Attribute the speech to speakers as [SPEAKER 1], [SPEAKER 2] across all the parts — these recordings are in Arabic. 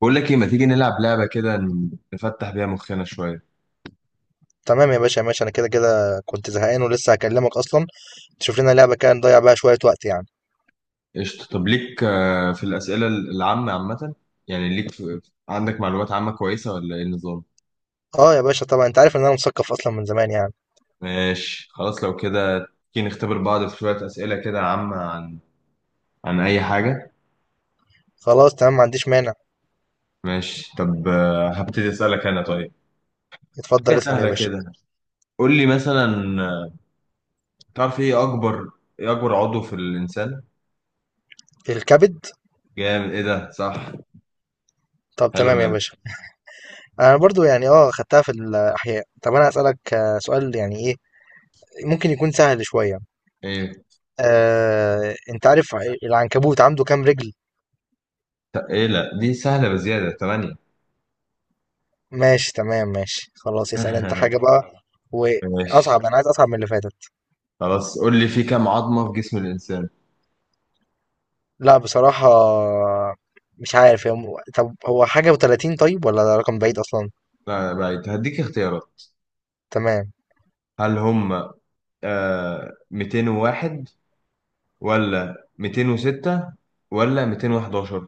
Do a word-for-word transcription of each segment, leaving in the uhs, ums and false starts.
[SPEAKER 1] بقول لك ايه؟ ما تيجي نلعب لعبة كده، نفتح بيها مخنا شوية.
[SPEAKER 2] تمام يا باشا، ماشي. انا كده كده كنت زهقان ولسه هكلمك اصلا. تشوف لنا لعبه كده نضيع بقى شويه وقت يعني.
[SPEAKER 1] قشطة. طب ليك آه، في الأسئلة العامة عامة؟ يعني ليك في... عندك معلومات عامة كويسة، ولا ايه النظام؟
[SPEAKER 2] اه يا باشا، طبعا انت عارف ان انا مثقف اصلا من زمان يعني.
[SPEAKER 1] ماشي خلاص لو كده، تيجي نختبر بعض في شوية أسئلة كده عامة عن عن أي حاجة.
[SPEAKER 2] خلاص تمام، ما عنديش مانع.
[SPEAKER 1] ماشي. طب آه، هبتدي أسألك أنا. طيب حاجة
[SPEAKER 2] اتفضل اسال يا
[SPEAKER 1] سهلة
[SPEAKER 2] باشا.
[SPEAKER 1] كده، قول لي مثلا، آه، تعرف ايه أكبر ايه أكبر عضو في الإنسان؟
[SPEAKER 2] الكبد.
[SPEAKER 1] جامد! ايه ده، صح.
[SPEAKER 2] طب
[SPEAKER 1] حلو
[SPEAKER 2] تمام يا
[SPEAKER 1] منك.
[SPEAKER 2] باشا. انا برضو يعني اه خدتها في الاحياء. طب انا اسالك آه، سؤال، يعني ايه ممكن يكون سهل شويه.
[SPEAKER 1] ايه؟
[SPEAKER 2] آه، انت عارف ع- العنكبوت عنده كام رجل؟
[SPEAKER 1] طب ايه؟ لا، دي سهلة بزيادة، تمانية.
[SPEAKER 2] ماشي تمام ماشي، خلاص اسأل انت حاجة بقى.
[SPEAKER 1] ماشي
[SPEAKER 2] واصعب، انا عايز اصعب من اللي فاتت.
[SPEAKER 1] خلاص، قول لي في كام عظمة في جسم الإنسان؟
[SPEAKER 2] لا بصراحة مش عارف. هي م- طب هو حاجة و30؟ طيب، ولا ده رقم بعيد اصلا؟
[SPEAKER 1] لا بعيد، هديك اختيارات.
[SPEAKER 2] تمام.
[SPEAKER 1] هل هم آه مئتين وواحد، ولا ميتين وستة، ولا ميتين وحداشر؟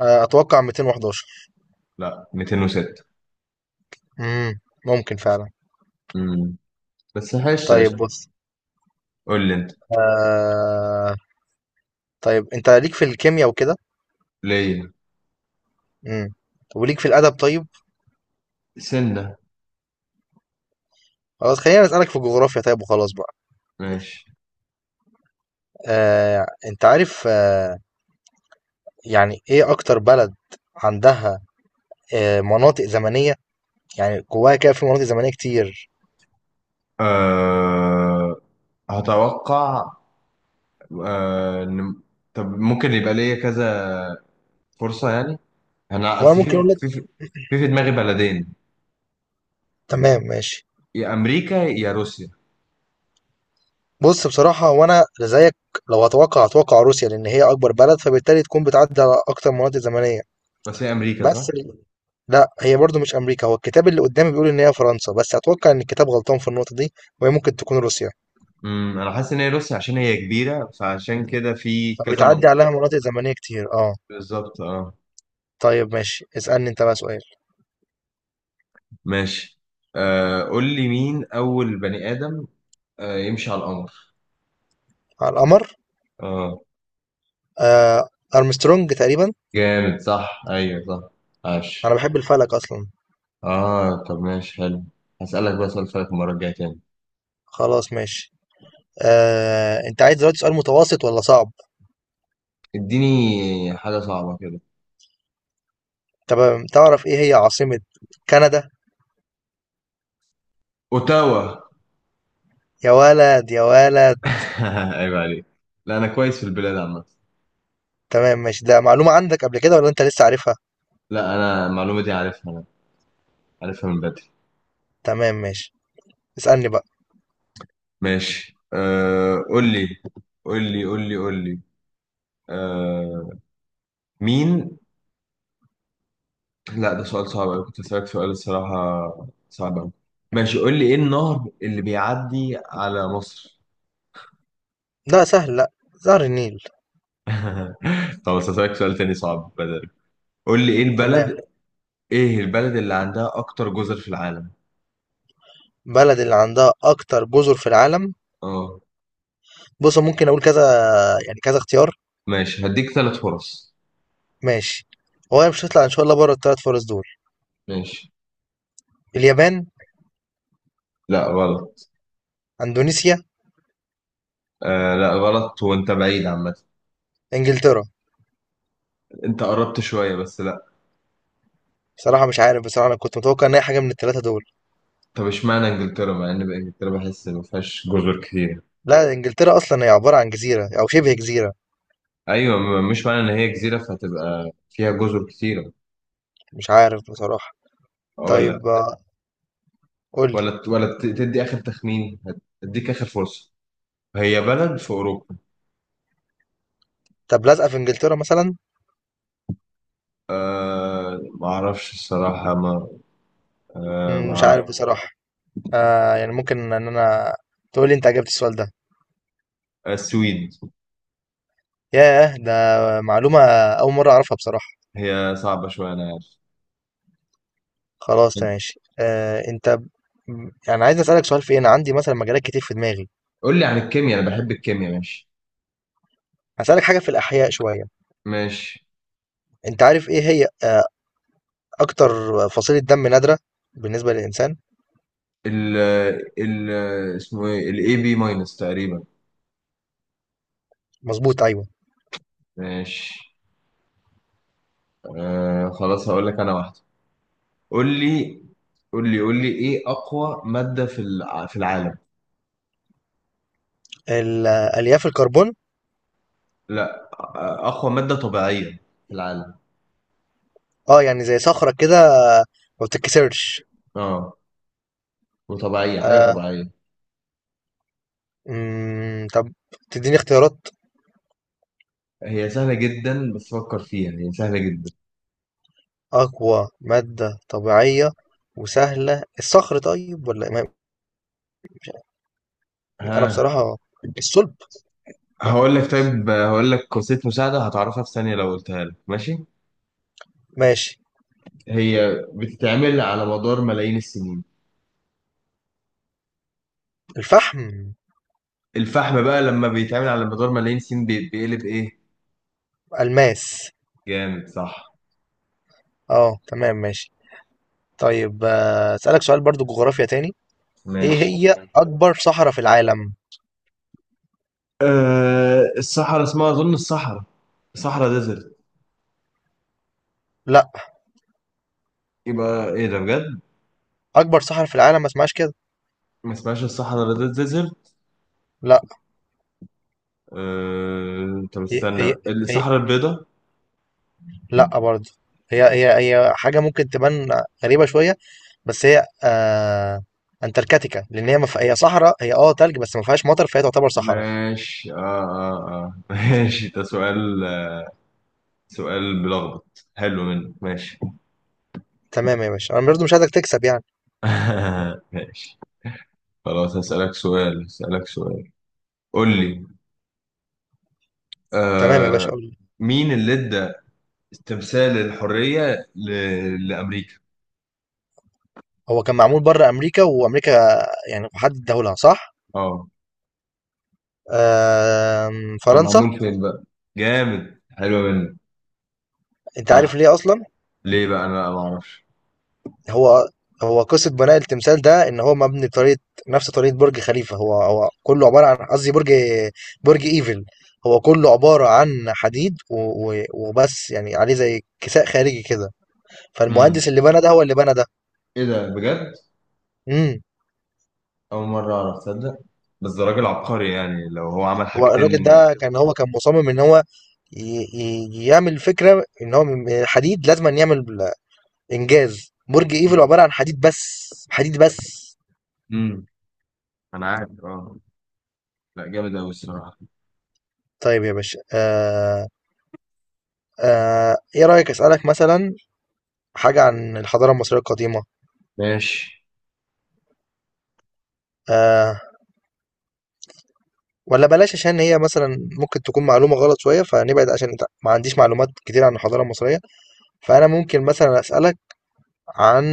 [SPEAKER 2] آه، اتوقع مئتين وأحد عشر.
[SPEAKER 1] لا، ميتين وستة.
[SPEAKER 2] امم ممكن فعلا.
[SPEAKER 1] امم بس حشت
[SPEAKER 2] طيب
[SPEAKER 1] قشطة.
[SPEAKER 2] بص.
[SPEAKER 1] قول لي انت.
[SPEAKER 2] آه... طيب انت ليك في الكيمياء وكده.
[SPEAKER 1] ليه
[SPEAKER 2] امم وليك في الادب طيب.
[SPEAKER 1] سنة؟
[SPEAKER 2] خلاص، خلينا اسالك في الجغرافيا طيب وخلاص بقى.
[SPEAKER 1] ماشي،
[SPEAKER 2] آه... انت عارف آه... يعني إيه أكتر بلد عندها آه، مناطق زمنية؟ يعني جواها كده في مناطق زمنية كتير.
[SPEAKER 1] آه هتوقع. آه إن- طب ممكن يبقى ليا كذا فرصة يعني؟ انا
[SPEAKER 2] وأنا
[SPEAKER 1] اصل
[SPEAKER 2] ممكن
[SPEAKER 1] في
[SPEAKER 2] أقول لك.
[SPEAKER 1] في في في دماغي بلدين،
[SPEAKER 2] تمام ماشي.
[SPEAKER 1] يا امريكا يا روسيا.
[SPEAKER 2] بص، بصراحة وأنا زيك، لو هتوقع هتوقع روسيا لأن هي أكبر بلد فبالتالي تكون بتعدي على أكتر مناطق زمنية.
[SPEAKER 1] بس هي امريكا، صح؟
[SPEAKER 2] بس ال- لا هي برضو مش أمريكا. هو الكتاب اللي قدامي بيقول إن هي فرنسا، بس أتوقع إن الكتاب غلطان في النقطة دي وهي ممكن تكون روسيا.
[SPEAKER 1] امم انا حاسس ان هي روسيا، عشان هي كبيره، فعشان مم. كده في كذا
[SPEAKER 2] فبتعدي
[SPEAKER 1] منطقه.
[SPEAKER 2] عليها مناطق زمنية كتير، أه.
[SPEAKER 1] بالظبط اه.
[SPEAKER 2] طيب ماشي، اسألني أنت بقى سؤال.
[SPEAKER 1] ماشي، آه قول لي، مين اول بني ادم آه يمشي على القمر؟
[SPEAKER 2] على القمر.
[SPEAKER 1] اه
[SPEAKER 2] آه أرمسترونج تقريبا.
[SPEAKER 1] جامد، صح. ايوه صح.
[SPEAKER 2] أنا
[SPEAKER 1] عاش.
[SPEAKER 2] بحب الفلك أصلا.
[SPEAKER 1] اه طب ماشي، حلو. هسألك بقى سؤال فلك المره الجايه تاني.
[SPEAKER 2] خلاص ماشي. آه، انت عايز دلوقتي سؤال متوسط ولا صعب؟
[SPEAKER 1] اديني حاجه صعبه كده.
[SPEAKER 2] تمام. تعرف ايه هي عاصمة كندا؟
[SPEAKER 1] اوتاوا.
[SPEAKER 2] يا ولد، يا ولد.
[SPEAKER 1] عيب عليك! لا، انا كويس في البلاد عامه.
[SPEAKER 2] تمام ماشي، ده معلومة عندك قبل كده ولا انت لسه عارفها؟
[SPEAKER 1] لا، انا المعلومه دي عارفها انا، عارفها من بدري.
[SPEAKER 2] تمام ماشي، اسألني بقى.
[SPEAKER 1] ماشي، آه قول لي قول لي قول لي قول لي آه مين. لا، ده سؤال صعب أوي، كنت أسألك سؤال الصراحة صعب أوي. ماشي، قول لي إيه النهر اللي بيعدي على مصر؟
[SPEAKER 2] لا سهل، لا. نهر النيل.
[SPEAKER 1] خلاص، هسألك سؤال تاني صعب بدل. قول لي إيه البلد
[SPEAKER 2] تمام.
[SPEAKER 1] إيه البلد اللي عندها أكتر جزر في العالم؟
[SPEAKER 2] بلد اللي عندها اكتر جزر في العالم؟
[SPEAKER 1] أه.
[SPEAKER 2] بص ممكن اقول كذا، يعني كذا اختيار.
[SPEAKER 1] ماشي، هديك ثلاث فرص.
[SPEAKER 2] ماشي. هو مش هتطلع ان شاء الله بره الثلاث فرص دول.
[SPEAKER 1] ماشي.
[SPEAKER 2] اليابان.
[SPEAKER 1] لا غلط.
[SPEAKER 2] اندونيسيا.
[SPEAKER 1] آه لا غلط، وأنت بعيد عامة.
[SPEAKER 2] انجلترا.
[SPEAKER 1] أنت قربت شوية، بس لا.
[SPEAKER 2] بصراحة مش عارف، بصراحة انا كنت متوقع ان هي حاجة من الثلاثة دول.
[SPEAKER 1] طب اشمعنى إنجلترا، مع إن إنجلترا بحس إن ما فيهاش جزر كتير؟
[SPEAKER 2] لا، انجلترا اصلا هي عباره عن جزيره او شبه جزيره.
[SPEAKER 1] ايوه، م- مش معنى ان هي جزيره فهتبقى فيها جزر كتيره.
[SPEAKER 2] مش عارف بصراحه.
[SPEAKER 1] اقول
[SPEAKER 2] طيب
[SPEAKER 1] لك.
[SPEAKER 2] آه، قول لي.
[SPEAKER 1] ولا ت- ولا ت- تدي اخر تخمين، هت- هديك اخر فرصه. هي بلد في اوروبا.
[SPEAKER 2] طب لازقه في انجلترا مثلا؟
[SPEAKER 1] أه، ما اعرفش الصراحه. ما أه
[SPEAKER 2] مم،
[SPEAKER 1] ما
[SPEAKER 2] مش
[SPEAKER 1] اعرف.
[SPEAKER 2] عارف بصراحه. آه يعني ممكن ان انا تقول لي انت عجبت السؤال ده؟
[SPEAKER 1] آه، السويد.
[SPEAKER 2] ياه، ده معلومه اول مره اعرفها بصراحه.
[SPEAKER 1] هي صعبه شويه، انا عارف.
[SPEAKER 2] خلاص تمام ماشي. آه انت ب- يعني عايز اسالك سؤال في ايه؟ انا عندي مثلا مجالات كتير في دماغي.
[SPEAKER 1] قول لي عن الكيمياء، انا بحب الكيمياء. ماشي.
[SPEAKER 2] هسالك حاجه في الاحياء شويه.
[SPEAKER 1] ماشي.
[SPEAKER 2] انت عارف ايه هي آه اكتر فصيله دم نادره بالنسبه للانسان؟
[SPEAKER 1] ال ال اسمه ايه؟ الاي بي ماينس تقريبا.
[SPEAKER 2] مظبوط، ايوه.
[SPEAKER 1] ماشي. أه خلاص، هقول لك انا واحده. قول لي قول لي قول لي ايه اقوى ماده في الع- في العالم؟
[SPEAKER 2] ال- آه، الياف الكربون.
[SPEAKER 1] لا. أقوى مادة طبيعية في العالم.
[SPEAKER 2] اه يعني زي صخرة كده آه، ما بتتكسرش.
[SPEAKER 1] اه، وطبيعية حاجة
[SPEAKER 2] آه.
[SPEAKER 1] طبيعية.
[SPEAKER 2] مم. طب تديني اختيارات.
[SPEAKER 1] هي سهلة جدا، بس فكر فيها، هي سهلة جدا.
[SPEAKER 2] أقوى مادة طبيعية وسهلة، الصخر طيب، ولا ما- أنا
[SPEAKER 1] ها.
[SPEAKER 2] بصراحة الصلب. لا.
[SPEAKER 1] هقول لك طيب هقول لك وسيلة مساعدة، هتعرفها في ثانية لو قلتها لك. ماشي،
[SPEAKER 2] ماشي.
[SPEAKER 1] هي بتتعمل على مدار ملايين السنين.
[SPEAKER 2] الفحم.
[SPEAKER 1] الفحم بقى لما بيتعمل على مدار ملايين السنين بي- بيقلب إيه؟
[SPEAKER 2] ألماس.
[SPEAKER 1] جامد صح.
[SPEAKER 2] اه تمام ماشي. طيب آه، أسألك سؤال برضو جغرافيا تاني. ايه
[SPEAKER 1] ماشي.
[SPEAKER 2] هي أكبر صحراء في العالم؟
[SPEAKER 1] أه الصحراء اسمها أظن، الصحراء صحراء ديزرت.
[SPEAKER 2] لا.
[SPEAKER 1] يبقى إيه ده بجد.
[SPEAKER 2] أكبر صحراء في العالم ما اسمهاش كده.
[SPEAKER 1] ما اسمهاش الصحراء ديزرت.
[SPEAKER 2] لا.
[SPEAKER 1] أه... طب
[SPEAKER 2] هي
[SPEAKER 1] استنى.
[SPEAKER 2] هي
[SPEAKER 1] الصحراء البيضاء.
[SPEAKER 2] لأ برضه. هي هي هي حاجة ممكن تبان غريبة شوية، بس هي آه أنتاركتيكا، لأن هي مف... هي صحراء، هي اه تلج بس ما فيهاش مطر فهي تعتبر صحراء.
[SPEAKER 1] ماشي. اه اه اه. ماشي. ده سؤال، سؤال بلخبط، حلو منك. ماشي.
[SPEAKER 2] تمام يا باشا، أنا برضه مش عايزك تكسب يعني.
[SPEAKER 1] ماشي خلاص، هسألك سؤال هسألك سؤال قول لي،
[SPEAKER 2] تمام يا باشا،
[SPEAKER 1] آه
[SPEAKER 2] قول لي.
[SPEAKER 1] مين اللي ادى تمثال الحرية ل... لأمريكا؟
[SPEAKER 2] هو كان معمول بره أمريكا، وأمريكا يعني محدد دولها، صح؟
[SPEAKER 1] اه.
[SPEAKER 2] آه
[SPEAKER 1] كان
[SPEAKER 2] فرنسا.
[SPEAKER 1] معمول فين بقى؟ جامد، حلو منك.
[SPEAKER 2] أنت
[SPEAKER 1] صح.
[SPEAKER 2] عارف ليه أصلا؟
[SPEAKER 1] ليه بقى؟ انا ما اعرفش.
[SPEAKER 2] هو هو قصة بناء التمثال ده إن هو مبني بطريقة نفس طريقة برج خليفة. هو هو كله عبارة عن قصدي برج برج إيفل. هو كله عبارة عن حديد و- و- وبس، يعني عليه زي كساء خارجي كده. فالمهندس
[SPEAKER 1] امم
[SPEAKER 2] اللي بنى ده هو اللي بنى ده.
[SPEAKER 1] ايه ده بجد؟
[SPEAKER 2] امم
[SPEAKER 1] أول مرة أعرف، تصدق؟ بس ده راجل عبقري، يعني لو هو عمل
[SPEAKER 2] هو الراجل
[SPEAKER 1] حاجتين.
[SPEAKER 2] ده كان هو كان مصمم إن هو ي- ي- يعمل فكرة إن هو من الحديد لازم أن يعمل إنجاز برج إيفل عبارة عن حديد بس، حديد بس.
[SPEAKER 1] امم انا عارف اه. لا، جامد أوي الصراحة.
[SPEAKER 2] طيب يا باشا، آه آه إيه رأيك أسألك مثلا حاجة عن الحضارة المصرية القديمة؟
[SPEAKER 1] ماشي.
[SPEAKER 2] آه ولا بلاش عشان هي مثلا ممكن تكون معلومة غلط شوية فنبعد، عشان انت- ما عنديش معلومات كتير عن الحضارة المصرية. فأنا ممكن مثلا أسألك عن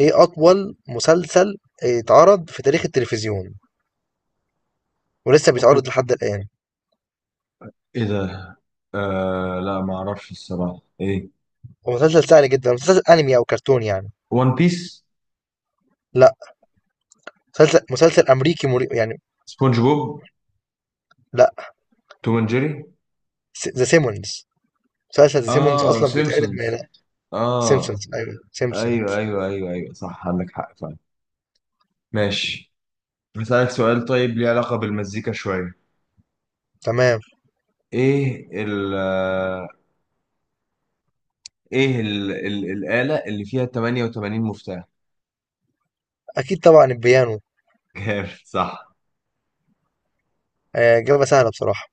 [SPEAKER 2] إيه أطول مسلسل اتعرض في تاريخ التلفزيون ولسه
[SPEAKER 1] أوكي.
[SPEAKER 2] بيتعرض لحد الآن؟
[SPEAKER 1] إيه ده؟ آه لا، ما أعرفش الصراحة. إيه؟
[SPEAKER 2] ومسلسل سهل جدا، مسلسل أنمي أو كرتون يعني.
[SPEAKER 1] ون بيس.
[SPEAKER 2] لا. مسلسل مسلسل أمريكي مري... يعني.
[SPEAKER 1] سبونج بوب.
[SPEAKER 2] لا.
[SPEAKER 1] توم اند جيري.
[SPEAKER 2] ذا سيمونز. مسلسل ذا سيمونز
[SPEAKER 1] آه
[SPEAKER 2] أصلا بيتعرض من.
[SPEAKER 1] سيمبسونز. آه
[SPEAKER 2] سيمسونز، أيوه سيمسونز.
[SPEAKER 1] أيوه أيوه أيوه أيوه، صح، عندك حق فعلا. ماشي، هسألك سؤال طيب ليه علاقة بالمزيكا شوية.
[SPEAKER 2] تمام.
[SPEAKER 1] إيه ال آه، إيه ال ال الآلة اللي فيها ثمانية وثمانين مفتاح؟
[SPEAKER 2] أكيد طبعا البيانو.
[SPEAKER 1] جامد صح.
[SPEAKER 2] آه، إجابة سهلة بصراحة.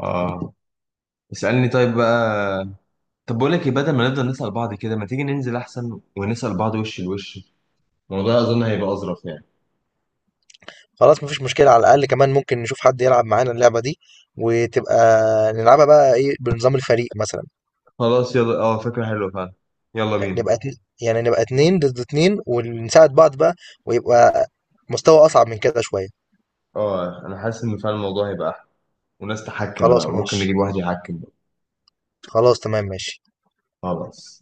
[SPEAKER 1] اه. اسألني طيب بقى. طب بقول لك إيه، بدل ما نفضل نسأل بعض كده، ما تيجي ننزل احسن ونسأل بعض وش لوش. الموضوع اظن هيبقى اظرف يعني.
[SPEAKER 2] خلاص مفيش مشكلة، على الأقل كمان ممكن نشوف حد يلعب معانا اللعبة دي وتبقى نلعبها بقى إيه بنظام الفريق مثلا.
[SPEAKER 1] خلاص يلا، اه فكرة حلوة فعلا. يلا بينا.
[SPEAKER 2] نبقى اتن... يعني نبقى اتنين ضد اتنين ونساعد بعض بقى ويبقى مستوى أصعب من كده شوية.
[SPEAKER 1] اه انا حاسس ان فعلا الموضوع هيبقى احلى، وناس تحكم بقى،
[SPEAKER 2] خلاص
[SPEAKER 1] وممكن
[SPEAKER 2] ماشي.
[SPEAKER 1] نجيب واحد يحكم بقى.
[SPEAKER 2] خلاص تمام ماشي.
[SPEAKER 1] خلاص.